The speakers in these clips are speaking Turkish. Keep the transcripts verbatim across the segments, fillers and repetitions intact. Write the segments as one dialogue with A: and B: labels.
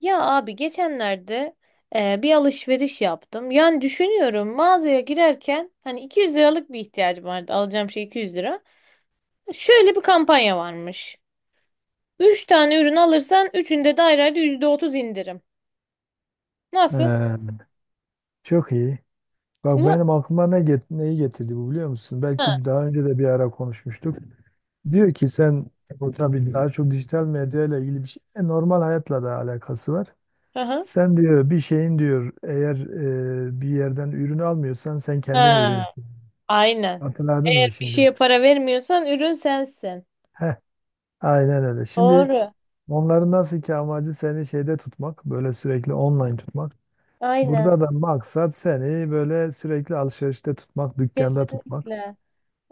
A: Ya abi geçenlerde e, bir alışveriş yaptım. Yani düşünüyorum mağazaya girerken hani iki yüz liralık bir ihtiyacım vardı. Alacağım şey iki yüz lira. Şöyle bir kampanya varmış. Üç tane ürün alırsan üçünde de ayrı ayrı yüzde otuz indirim. Nasıl?
B: Ee, Çok iyi. Bak,
A: Ula-
B: benim aklıma ne get neyi getirdi bu, biliyor musun? Belki
A: Ha.
B: bir daha önce de bir ara konuşmuştuk. Diyor ki sen, bu tabii daha çok dijital medya ile ilgili bir şey. E, normal hayatla da alakası var.
A: Hı hı.
B: Sen diyor bir şeyin diyor eğer e, bir yerden ürün almıyorsan sen kendin
A: Ha,
B: ürünsün.
A: aynen.
B: Hatırladın
A: Eğer
B: mı
A: bir
B: şimdi?
A: şeye para vermiyorsan ürün sensin.
B: Heh, aynen öyle. Şimdi
A: Doğru.
B: onların nasıl ki amacı seni şeyde tutmak, böyle sürekli online tutmak.
A: Aynen.
B: Burada da maksat seni böyle sürekli alışverişte tutmak, dükkanda tutmak.
A: Kesinlikle.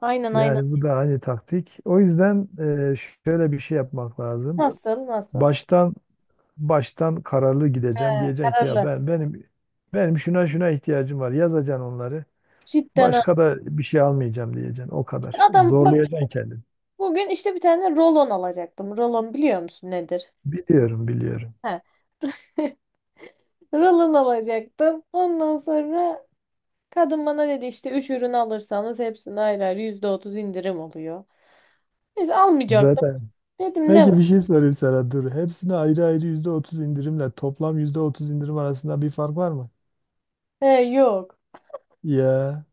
A: Aynen aynen.
B: Yani bu da hani taktik. O yüzden e, şöyle bir şey yapmak lazım.
A: Nasıl? Nasıl?
B: Baştan baştan kararlı gideceksin.
A: He,
B: Diyeceksin ki ya
A: kararlı.
B: ben benim benim şuna şuna ihtiyacım var. Yazacaksın onları.
A: Cidden ha.
B: Başka da bir şey almayacağım diyeceksin. O kadar.
A: Adam bak.
B: Zorlayacaksın kendini.
A: Bugün işte bir tane rolon alacaktım. Rolon biliyor musun nedir?
B: Biliyorum, biliyorum.
A: He. Rolon alacaktım. Ondan sonra kadın bana dedi işte üç ürün alırsanız hepsini ayrı ayrı yüzde otuz indirim oluyor. Neyse almayacaktım.
B: Zaten.
A: Dedim ne
B: Peki
A: var?
B: bir şey sorayım sana, dur. Hepsine ayrı ayrı yüzde otuz indirimle toplam yüzde otuz indirim arasında bir fark var mı?
A: He yok.
B: Ya,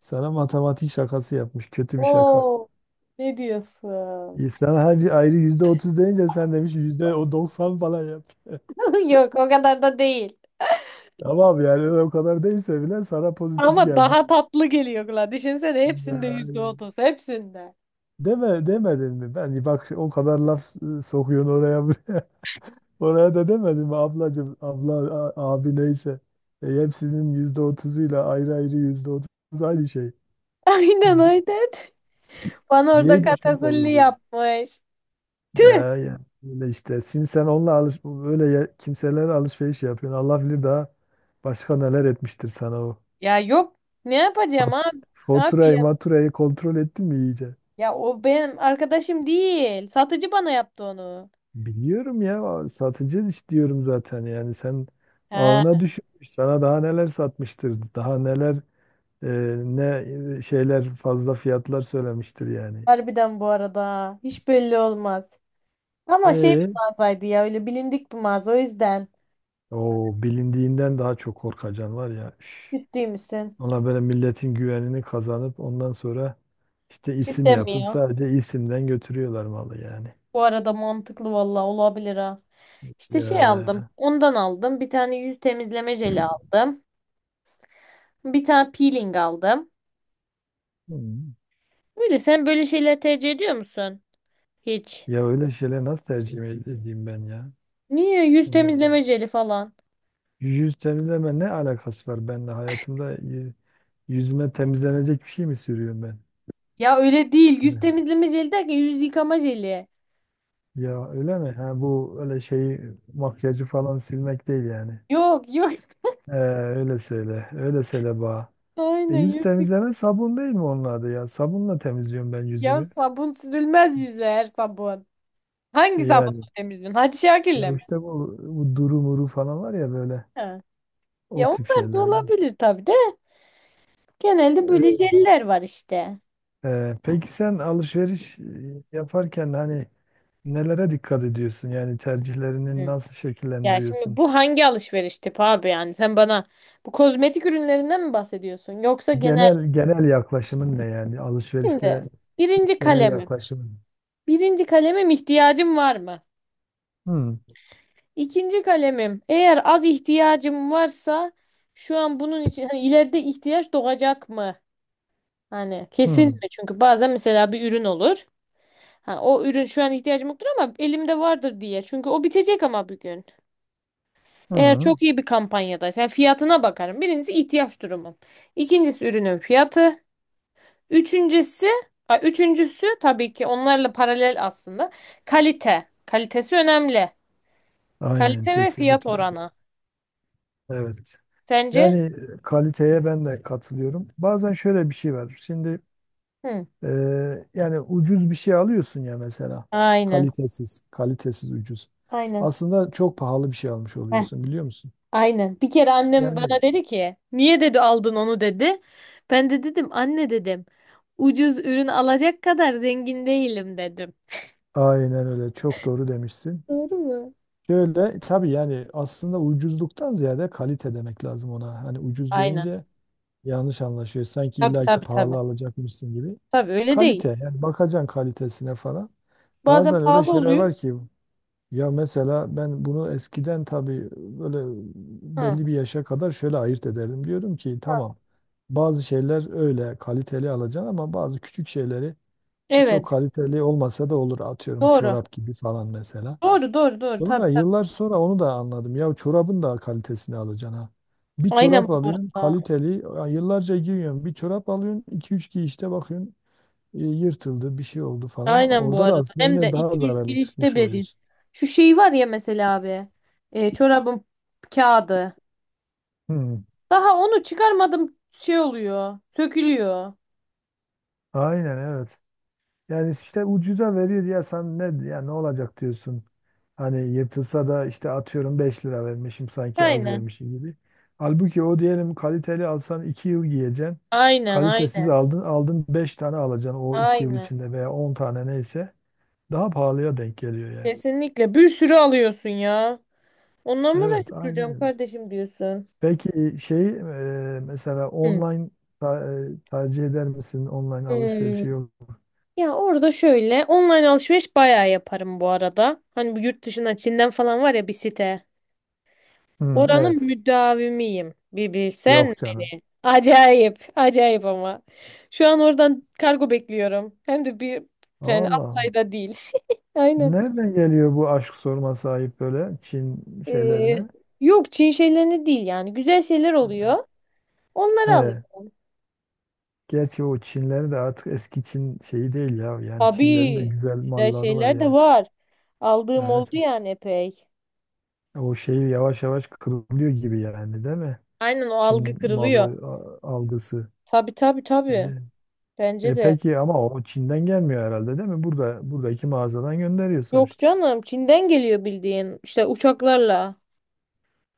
B: sana matematik şakası yapmış. Kötü bir şaka.
A: Oo, ne diyorsun?
B: İnsan her ayrı yüzde otuz deyince sen demiş yüzde o doksan falan yap.
A: Yok o kadar da değil.
B: Tamam, yani o kadar değilse bile sana pozitif
A: Ama
B: gelmiş.
A: daha tatlı geliyor kulağa. Düşünsene hepsinde yüzde
B: Yani
A: otuz, hepsinde.
B: deme demedin mi? Ben bak o kadar laf e, sokuyorsun oraya buraya. Oraya da demedin mi ablacığım, abla, a- abi, neyse. E, hepsinin yüzde otuzuyla ayrı ayrı yüzde otuz aynı şey.
A: Aynen öyle. Bana orada
B: Diye de şok
A: katakulli
B: olurdu.
A: yapmış.
B: Ya ya öyle işte. Şimdi sen onunla alış böyle yer- kimselerle alışveriş yapıyorsun. Allah bilir daha başka neler etmiştir sana o.
A: Ya yok, ne yapacağım
B: Fa-
A: abi, abi
B: Faturayı
A: ya.
B: maturayı kontrol ettin mi iyice?
A: Ya o benim arkadaşım değil. Satıcı bana yaptı onu.
B: Biliyorum ya, satıcı iş diyorum zaten yani sen
A: He.
B: ağına düşmüş sana daha neler satmıştır, daha neler, e, ne e, şeyler, fazla fiyatlar söylemiştir yani.
A: Harbiden bu arada. Hiç belli olmaz. Ama şey, bir
B: E
A: mağazaydı ya, öyle bilindik bir mağaza, o yüzden.
B: O bilindiğinden daha çok korkacan var ya. Üf.
A: Ciddi misin?
B: Ona böyle milletin güvenini kazanıp ondan sonra işte isim
A: Ciddi mi?
B: yapıp sadece isimden götürüyorlar malı yani.
A: Bu arada mantıklı valla, olabilir ha. İşte
B: Ya
A: şey aldım.
B: ya.
A: Ondan aldım. Bir tane yüz temizleme jeli aldım. Bir tane peeling aldım.
B: Hmm.
A: Böyle sen böyle şeyler tercih ediyor musun? Hiç.
B: Ya öyle şeyler nasıl tercih edeyim ben ya?
A: Niye? Yüz
B: Öyle.
A: temizleme jeli falan.
B: Yüz temizleme ne alakası var benimle? Hayatımda y- yüzüme temizlenecek bir şey mi sürüyorum ben?
A: Ya öyle değil. Yüz
B: Evet.
A: temizleme jeli derken yüz yıkama jeli.
B: Ya öyle mi? Ha, bu öyle şey, makyajı falan silmek değil yani.
A: Yok yok.
B: Ee, öyle söyle. Öyle söyle bana. E,
A: Aynen
B: yüz
A: yüz yık-
B: temizleme sabun değil mi onun adı ya? Sabunla temizliyorum ben
A: Ya
B: yüzümü.
A: sabun sürülmez yüze her sabun. Hangi
B: Yani
A: sabunla temizliyorsun? Hacı
B: ya
A: Şakir'le mi?
B: işte bu, bu duru muru falan var ya böyle
A: Ha.
B: o
A: Ya
B: tip
A: onlar da
B: şeyler yani.
A: olabilir tabii de. Genelde böyle jeller var işte.
B: E, e, peki sen alışveriş e, yaparken hani nelere dikkat ediyorsun? Yani tercihlerini
A: Hı.
B: nasıl
A: Ya şimdi
B: şekillendiriyorsun?
A: bu hangi alışveriş tipi abi yani? Sen bana bu kozmetik ürünlerinden mi bahsediyorsun? Yoksa genel...
B: Genel genel yaklaşımın ne yani, alışverişte
A: Şimdi birinci
B: genel
A: kalemim.
B: yaklaşımın?
A: Birinci kalemim, ihtiyacım var mı?
B: Hı
A: İkinci kalemim. Eğer az ihtiyacım varsa şu an bunun için hani ileride ihtiyaç doğacak mı? Hani kesin
B: hı
A: mi? Çünkü bazen mesela bir ürün olur. Ha, o ürün şu an ihtiyacım yoktur ama elimde vardır diye. Çünkü o bitecek ama bir gün. Eğer
B: hı.
A: çok iyi bir kampanyadaysa yani fiyatına bakarım. Birincisi ihtiyaç durumum. İkincisi ürünün fiyatı. Üçüncüsü, a, üçüncüsü tabii ki onlarla paralel aslında. Kalite. Kalitesi önemli.
B: Aynen,
A: Kalite ve fiyat
B: kesinlikle.
A: oranı.
B: Evet.
A: Sence?
B: Yani e, kaliteye ben de katılıyorum. Bazen şöyle bir şey var. Şimdi
A: Hı.
B: Ee, yani ucuz bir şey alıyorsun ya mesela.
A: Aynen.
B: Kalitesiz, kalitesiz, ucuz.
A: Aynen.
B: Aslında çok pahalı bir şey almış
A: Heh,
B: oluyorsun, biliyor musun?
A: aynen. Bir kere annem bana
B: Yani
A: dedi ki, niye dedi aldın onu dedi. Ben de dedim anne dedim. Ucuz ürün alacak kadar zengin değilim dedim.
B: aynen öyle, çok doğru demişsin.
A: Doğru mu?
B: Şöyle tabii, yani aslında ucuzluktan ziyade kalite demek lazım ona. Hani ucuz
A: Aynen.
B: deyince yanlış anlaşıyor. Sanki
A: Tabii
B: illaki
A: tabii tabii.
B: pahalı alacakmışsın gibi.
A: Tabii öyle değil.
B: Kalite yani, bakacaksın kalitesine falan.
A: Bazen
B: Bazen öyle
A: pahalı
B: şeyler
A: oluyor.
B: var ki, ya mesela ben bunu eskiden tabii böyle
A: Hı.
B: belli bir yaşa kadar şöyle ayırt ederdim. Diyorum ki tamam, bazı şeyler öyle kaliteli alacaksın ama bazı küçük şeyleri çok
A: Evet.
B: kaliteli olmasa da olur. Atıyorum,
A: Doğru.
B: çorap gibi falan mesela.
A: Doğru doğru doğru. Tabii
B: Sonra
A: tabii.
B: yıllar sonra onu da anladım. Ya çorabın da kalitesini alacaksın ha. Bir çorap
A: Aynen bu
B: alıyorsun
A: arada.
B: kaliteli, ya yıllarca giyiyorsun. Bir çorap alıyorsun, iki üç giyişte bakıyorsun e, yırtıldı, bir şey oldu falan.
A: Aynen bu
B: Orada da
A: arada.
B: aslında
A: Hem
B: yine
A: de
B: daha
A: iki yüz
B: zararlı
A: girişte
B: çıkmış
A: vereyim.
B: oluyorsun.
A: Şu şey var ya mesela abi. E, çorabın kağıdı.
B: Hmm.
A: Daha onu çıkarmadım, şey oluyor. Sökülüyor.
B: Aynen, evet. Yani işte ucuza veriyor ya, sen ne ya ne olacak diyorsun. Hani yırtılsa da işte atıyorum beş lira vermişim, sanki az
A: Aynen.
B: vermişim gibi. Halbuki o, diyelim kaliteli alsan iki yıl giyeceksin.
A: Aynen
B: Kalitesiz
A: aynen.
B: aldın, aldın beş tane alacaksın o iki yıl
A: Aynen.
B: içinde veya on tane, neyse daha pahalıya denk geliyor yani.
A: Kesinlikle bir sürü alıyorsun ya. Onunla mı
B: Evet,
A: uğraşıp
B: aynen
A: duracağım
B: öyle.
A: kardeşim diyorsun.
B: Peki şey, e, mesela
A: Hı.
B: online ta- e, tercih eder misin online
A: Hmm.
B: alışverişi, yok?
A: Ya orada şöyle, online alışveriş bayağı yaparım bu arada. Hani bu yurt dışına, Çin'den falan var ya bir site.
B: Hmm,
A: Oranın
B: evet,
A: müdavimiyim. Bir bilsen.
B: yok canım.
A: Acayip. Acayip ama. Şu an oradan kargo bekliyorum. Hem de bir, yani az
B: Allah.
A: sayıda değil. Aynen.
B: Nereden geliyor bu aşk, sorması ayıp, böyle Çin
A: Ee,
B: şeylerine?
A: yok Çin şeylerini değil yani. Güzel şeyler oluyor. Onları
B: He,
A: alıyorum.
B: gerçi o Çinleri de artık eski Çin şeyi değil ya. Yani Çinlerin de
A: Tabii.
B: güzel
A: Güzel
B: malları var
A: şeyler de
B: yani.
A: var. Aldığım
B: Evet.
A: oldu yani epey.
B: O şeyi yavaş yavaş kırılıyor gibi yani, değil mi?
A: Aynen, o algı
B: Çin
A: kırılıyor.
B: malı a- algısı.
A: Tabii tabii tabii.
B: E,
A: Bence
B: e
A: de.
B: peki ama o Çin'den gelmiyor herhalde, değil mi? Burada buradaki mağazadan gönderiyor
A: Yok
B: sonuçta.
A: canım, Çin'den geliyor bildiğin. İşte uçaklarla.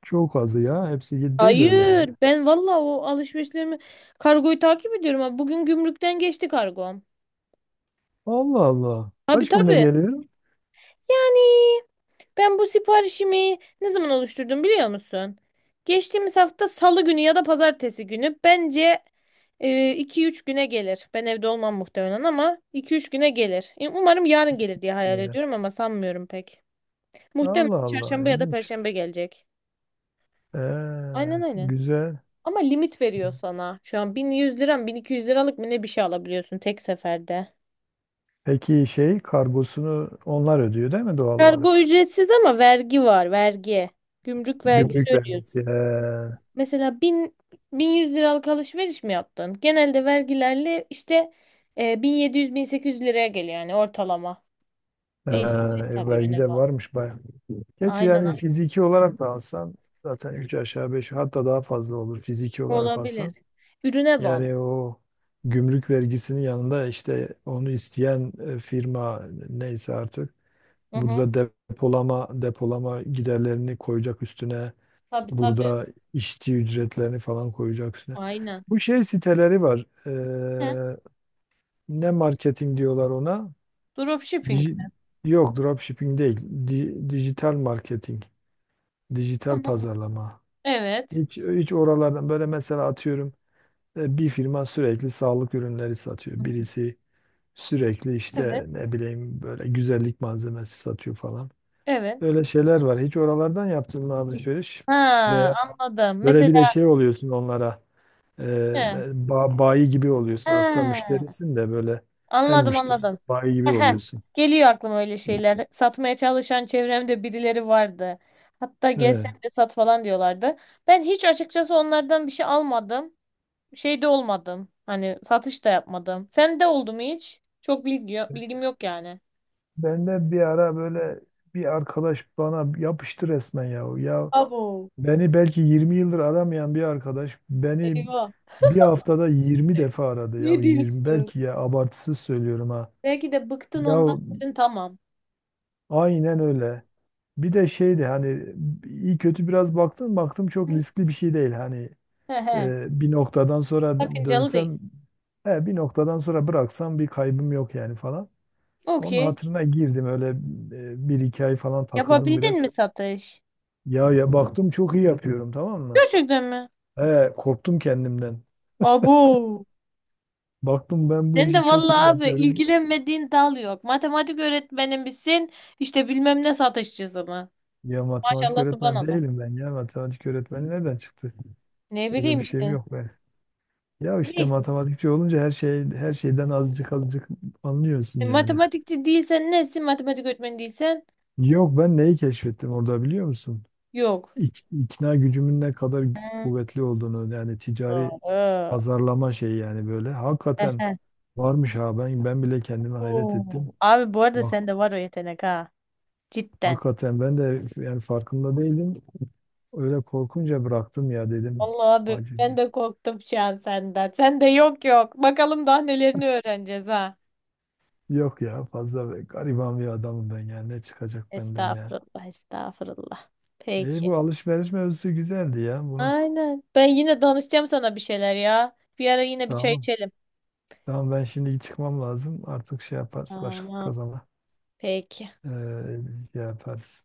B: Çok azı ya. Hepsi değil öyle ya.
A: Hayır, ben valla o alışverişlerimi, kargoyu takip ediyorum. Ha. Bugün gümrükten geçti kargom.
B: Allah Allah.
A: Tabii
B: Kaç günde
A: tabii.
B: geliyor?
A: Yani ben bu siparişimi ne zaman oluşturdum biliyor musun? Geçtiğimiz hafta Salı günü ya da Pazartesi günü. Bence iki üç güne gelir. Ben evde olmam muhtemelen ama iki üç güne gelir. E, Umarım yarın gelir diye hayal
B: Evet.
A: ediyorum ama sanmıyorum pek. Muhtemelen
B: Allah Allah.
A: Çarşamba ya da
B: İlginç.
A: Perşembe gelecek.
B: Ee,
A: Aynen aynen.
B: güzel.
A: Ama limit veriyor sana. Şu an bin yüz liram, bin iki yüz liralık mı ne bir şey alabiliyorsun tek seferde.
B: Peki şey, kargosunu onlar ödüyor değil mi doğal olarak?
A: Kargo ücretsiz ama vergi var, vergi. Gümrük vergisi
B: Gümrük
A: ödüyorsun.
B: vergisi. Ee,
A: Mesela bin, 1100 liralık alışveriş mi yaptın? Genelde vergilerle işte e, bin yedi yüz-bin sekiz yüz liraya geliyor yani ortalama.
B: ee,
A: Değişebilir
B: e,
A: tabii,
B: vergi
A: ürüne
B: de
A: bağlı.
B: varmış bayağı. Gerçi
A: Aynen
B: yani
A: aynen.
B: fiziki olarak da alsan zaten üç aşağı beş, hatta daha fazla olur fiziki olarak
A: Olabilir.
B: alsan.
A: Ürüne bağlı.
B: Yani o gümrük vergisinin yanında işte onu isteyen e, firma, neyse artık
A: Hı hı.
B: burada depolama depolama giderlerini koyacak üstüne.
A: Tabii tabii.
B: Burada işçi ücretlerini falan koyacaksın.
A: Aynen.
B: Bu şey siteleri var.
A: He,
B: Ee, ne marketing diyorlar ona?
A: Dropshipping.
B: Dij- Yok, dropshipping değil. Di- dijital marketing. Dijital
A: Ama
B: pazarlama.
A: evet.
B: Hiç, hiç oralardan böyle mesela atıyorum e, bir firma sürekli sağlık ürünleri satıyor.
A: Hı.
B: Birisi sürekli
A: Evet.
B: işte ne bileyim böyle güzellik malzemesi satıyor falan.
A: Evet.
B: Öyle şeyler var. Hiç oralardan yaptın mı alışveriş?
A: Ha,
B: Veya
A: anladım.
B: böyle
A: Mesela
B: bir de şey oluyorsun onlara. Ee,
A: he.
B: ba- Bayi gibi oluyorsun. Aslında
A: Ha.
B: müşterisin de böyle, hem
A: Anladım
B: müşteri,
A: anladım.
B: bayi gibi
A: Ehe,
B: oluyorsun.
A: geliyor aklıma öyle şeyler. Satmaya çalışan çevremde birileri vardı. Hatta gel
B: Evet.
A: sen de sat falan diyorlardı. Ben hiç açıkçası onlardan bir şey almadım. Şey de olmadım. Hani satış da yapmadım. Sen de oldu mu hiç? Çok bilgi yok, bilgim yok yani.
B: Ben de bir ara böyle bir arkadaş bana yapıştı resmen ya. Ya
A: Abo.
B: beni belki yirmi yıldır aramayan bir arkadaş beni
A: Eyvah.
B: bir haftada yirmi defa aradı ya.
A: Ne
B: yirmi
A: diyorsun?
B: belki ya, abartısız söylüyorum ha.
A: Belki de bıktın ondan
B: Ya,
A: dedin tamam.
B: aynen öyle. Bir de şeydi hani, iyi kötü biraz baktım baktım çok riskli bir şey değil hani.
A: He he.
B: Ee, bir noktadan sonra
A: Sakıncalı değil.
B: dönsem, he, bir noktadan sonra bıraksam bir kaybım yok yani falan. Onun
A: Okey.
B: hatırına girdim, öyle e, bir iki ay falan takıldım
A: Yapabildin
B: biraz.
A: mi satış?
B: Ya ya, baktım çok iyi yapıyorum, tamam mı?
A: Gerçekten mi?
B: He, Korktum kendimden.
A: Abo.
B: Baktım ben bu
A: Sen de
B: işi çok iyi
A: vallahi abi,
B: yapıyorum.
A: ilgilenmediğin dal yok. Matematik öğretmeni misin? İşte bilmem ne satışçısı mı?
B: Ya matematik
A: Maşallah,
B: öğretmeni
A: subhanallah.
B: değilim ben ya. Matematik öğretmeni nereden çıktı?
A: Ne
B: Öyle
A: bileyim
B: bir şeyim
A: işte.
B: yok ben. Ya işte
A: Neyse.
B: matematikçi olunca her şey her şeyden azıcık azıcık
A: E,
B: anlıyorsun yani.
A: matematikçi değilsen nesin? Matematik öğretmeni değilsen
B: Yok, ben neyi keşfettim orada biliyor musun?
A: yok.
B: ik- ikna gücümün ne kadar
A: Hmm,
B: kuvvetli olduğunu, yani ticari
A: doğru.
B: pazarlama şeyi yani böyle hakikaten
A: Ehe.
B: varmış ha, ben ben bile kendime hayret ettim.
A: Oo. Abi bu arada
B: Bak
A: sende var o yetenek ha. Cidden.
B: hakikaten ben de yani farkında değildim. Öyle korkunca bıraktım ya dedim.
A: Vallahi abi
B: Acı.
A: ben de korktum şu an senden. Sen de yok yok. Bakalım daha nelerini öğreneceğiz ha.
B: Yok ya fazla be- gariban bir adamım ben yani, ne çıkacak benden ya.
A: Estağfurullah, estağfurullah.
B: İyi,
A: Peki.
B: bu alışveriş mevzusu güzeldi ya, bunu.
A: Aynen. Ben yine danışacağım sana bir şeyler ya. Bir ara yine bir çay
B: Tamam.
A: içelim.
B: Tamam, ben şimdi çıkmam lazım. Artık şey yaparız başka
A: Tamam.
B: kazana.
A: Peki.
B: Ee, Şey yaparız.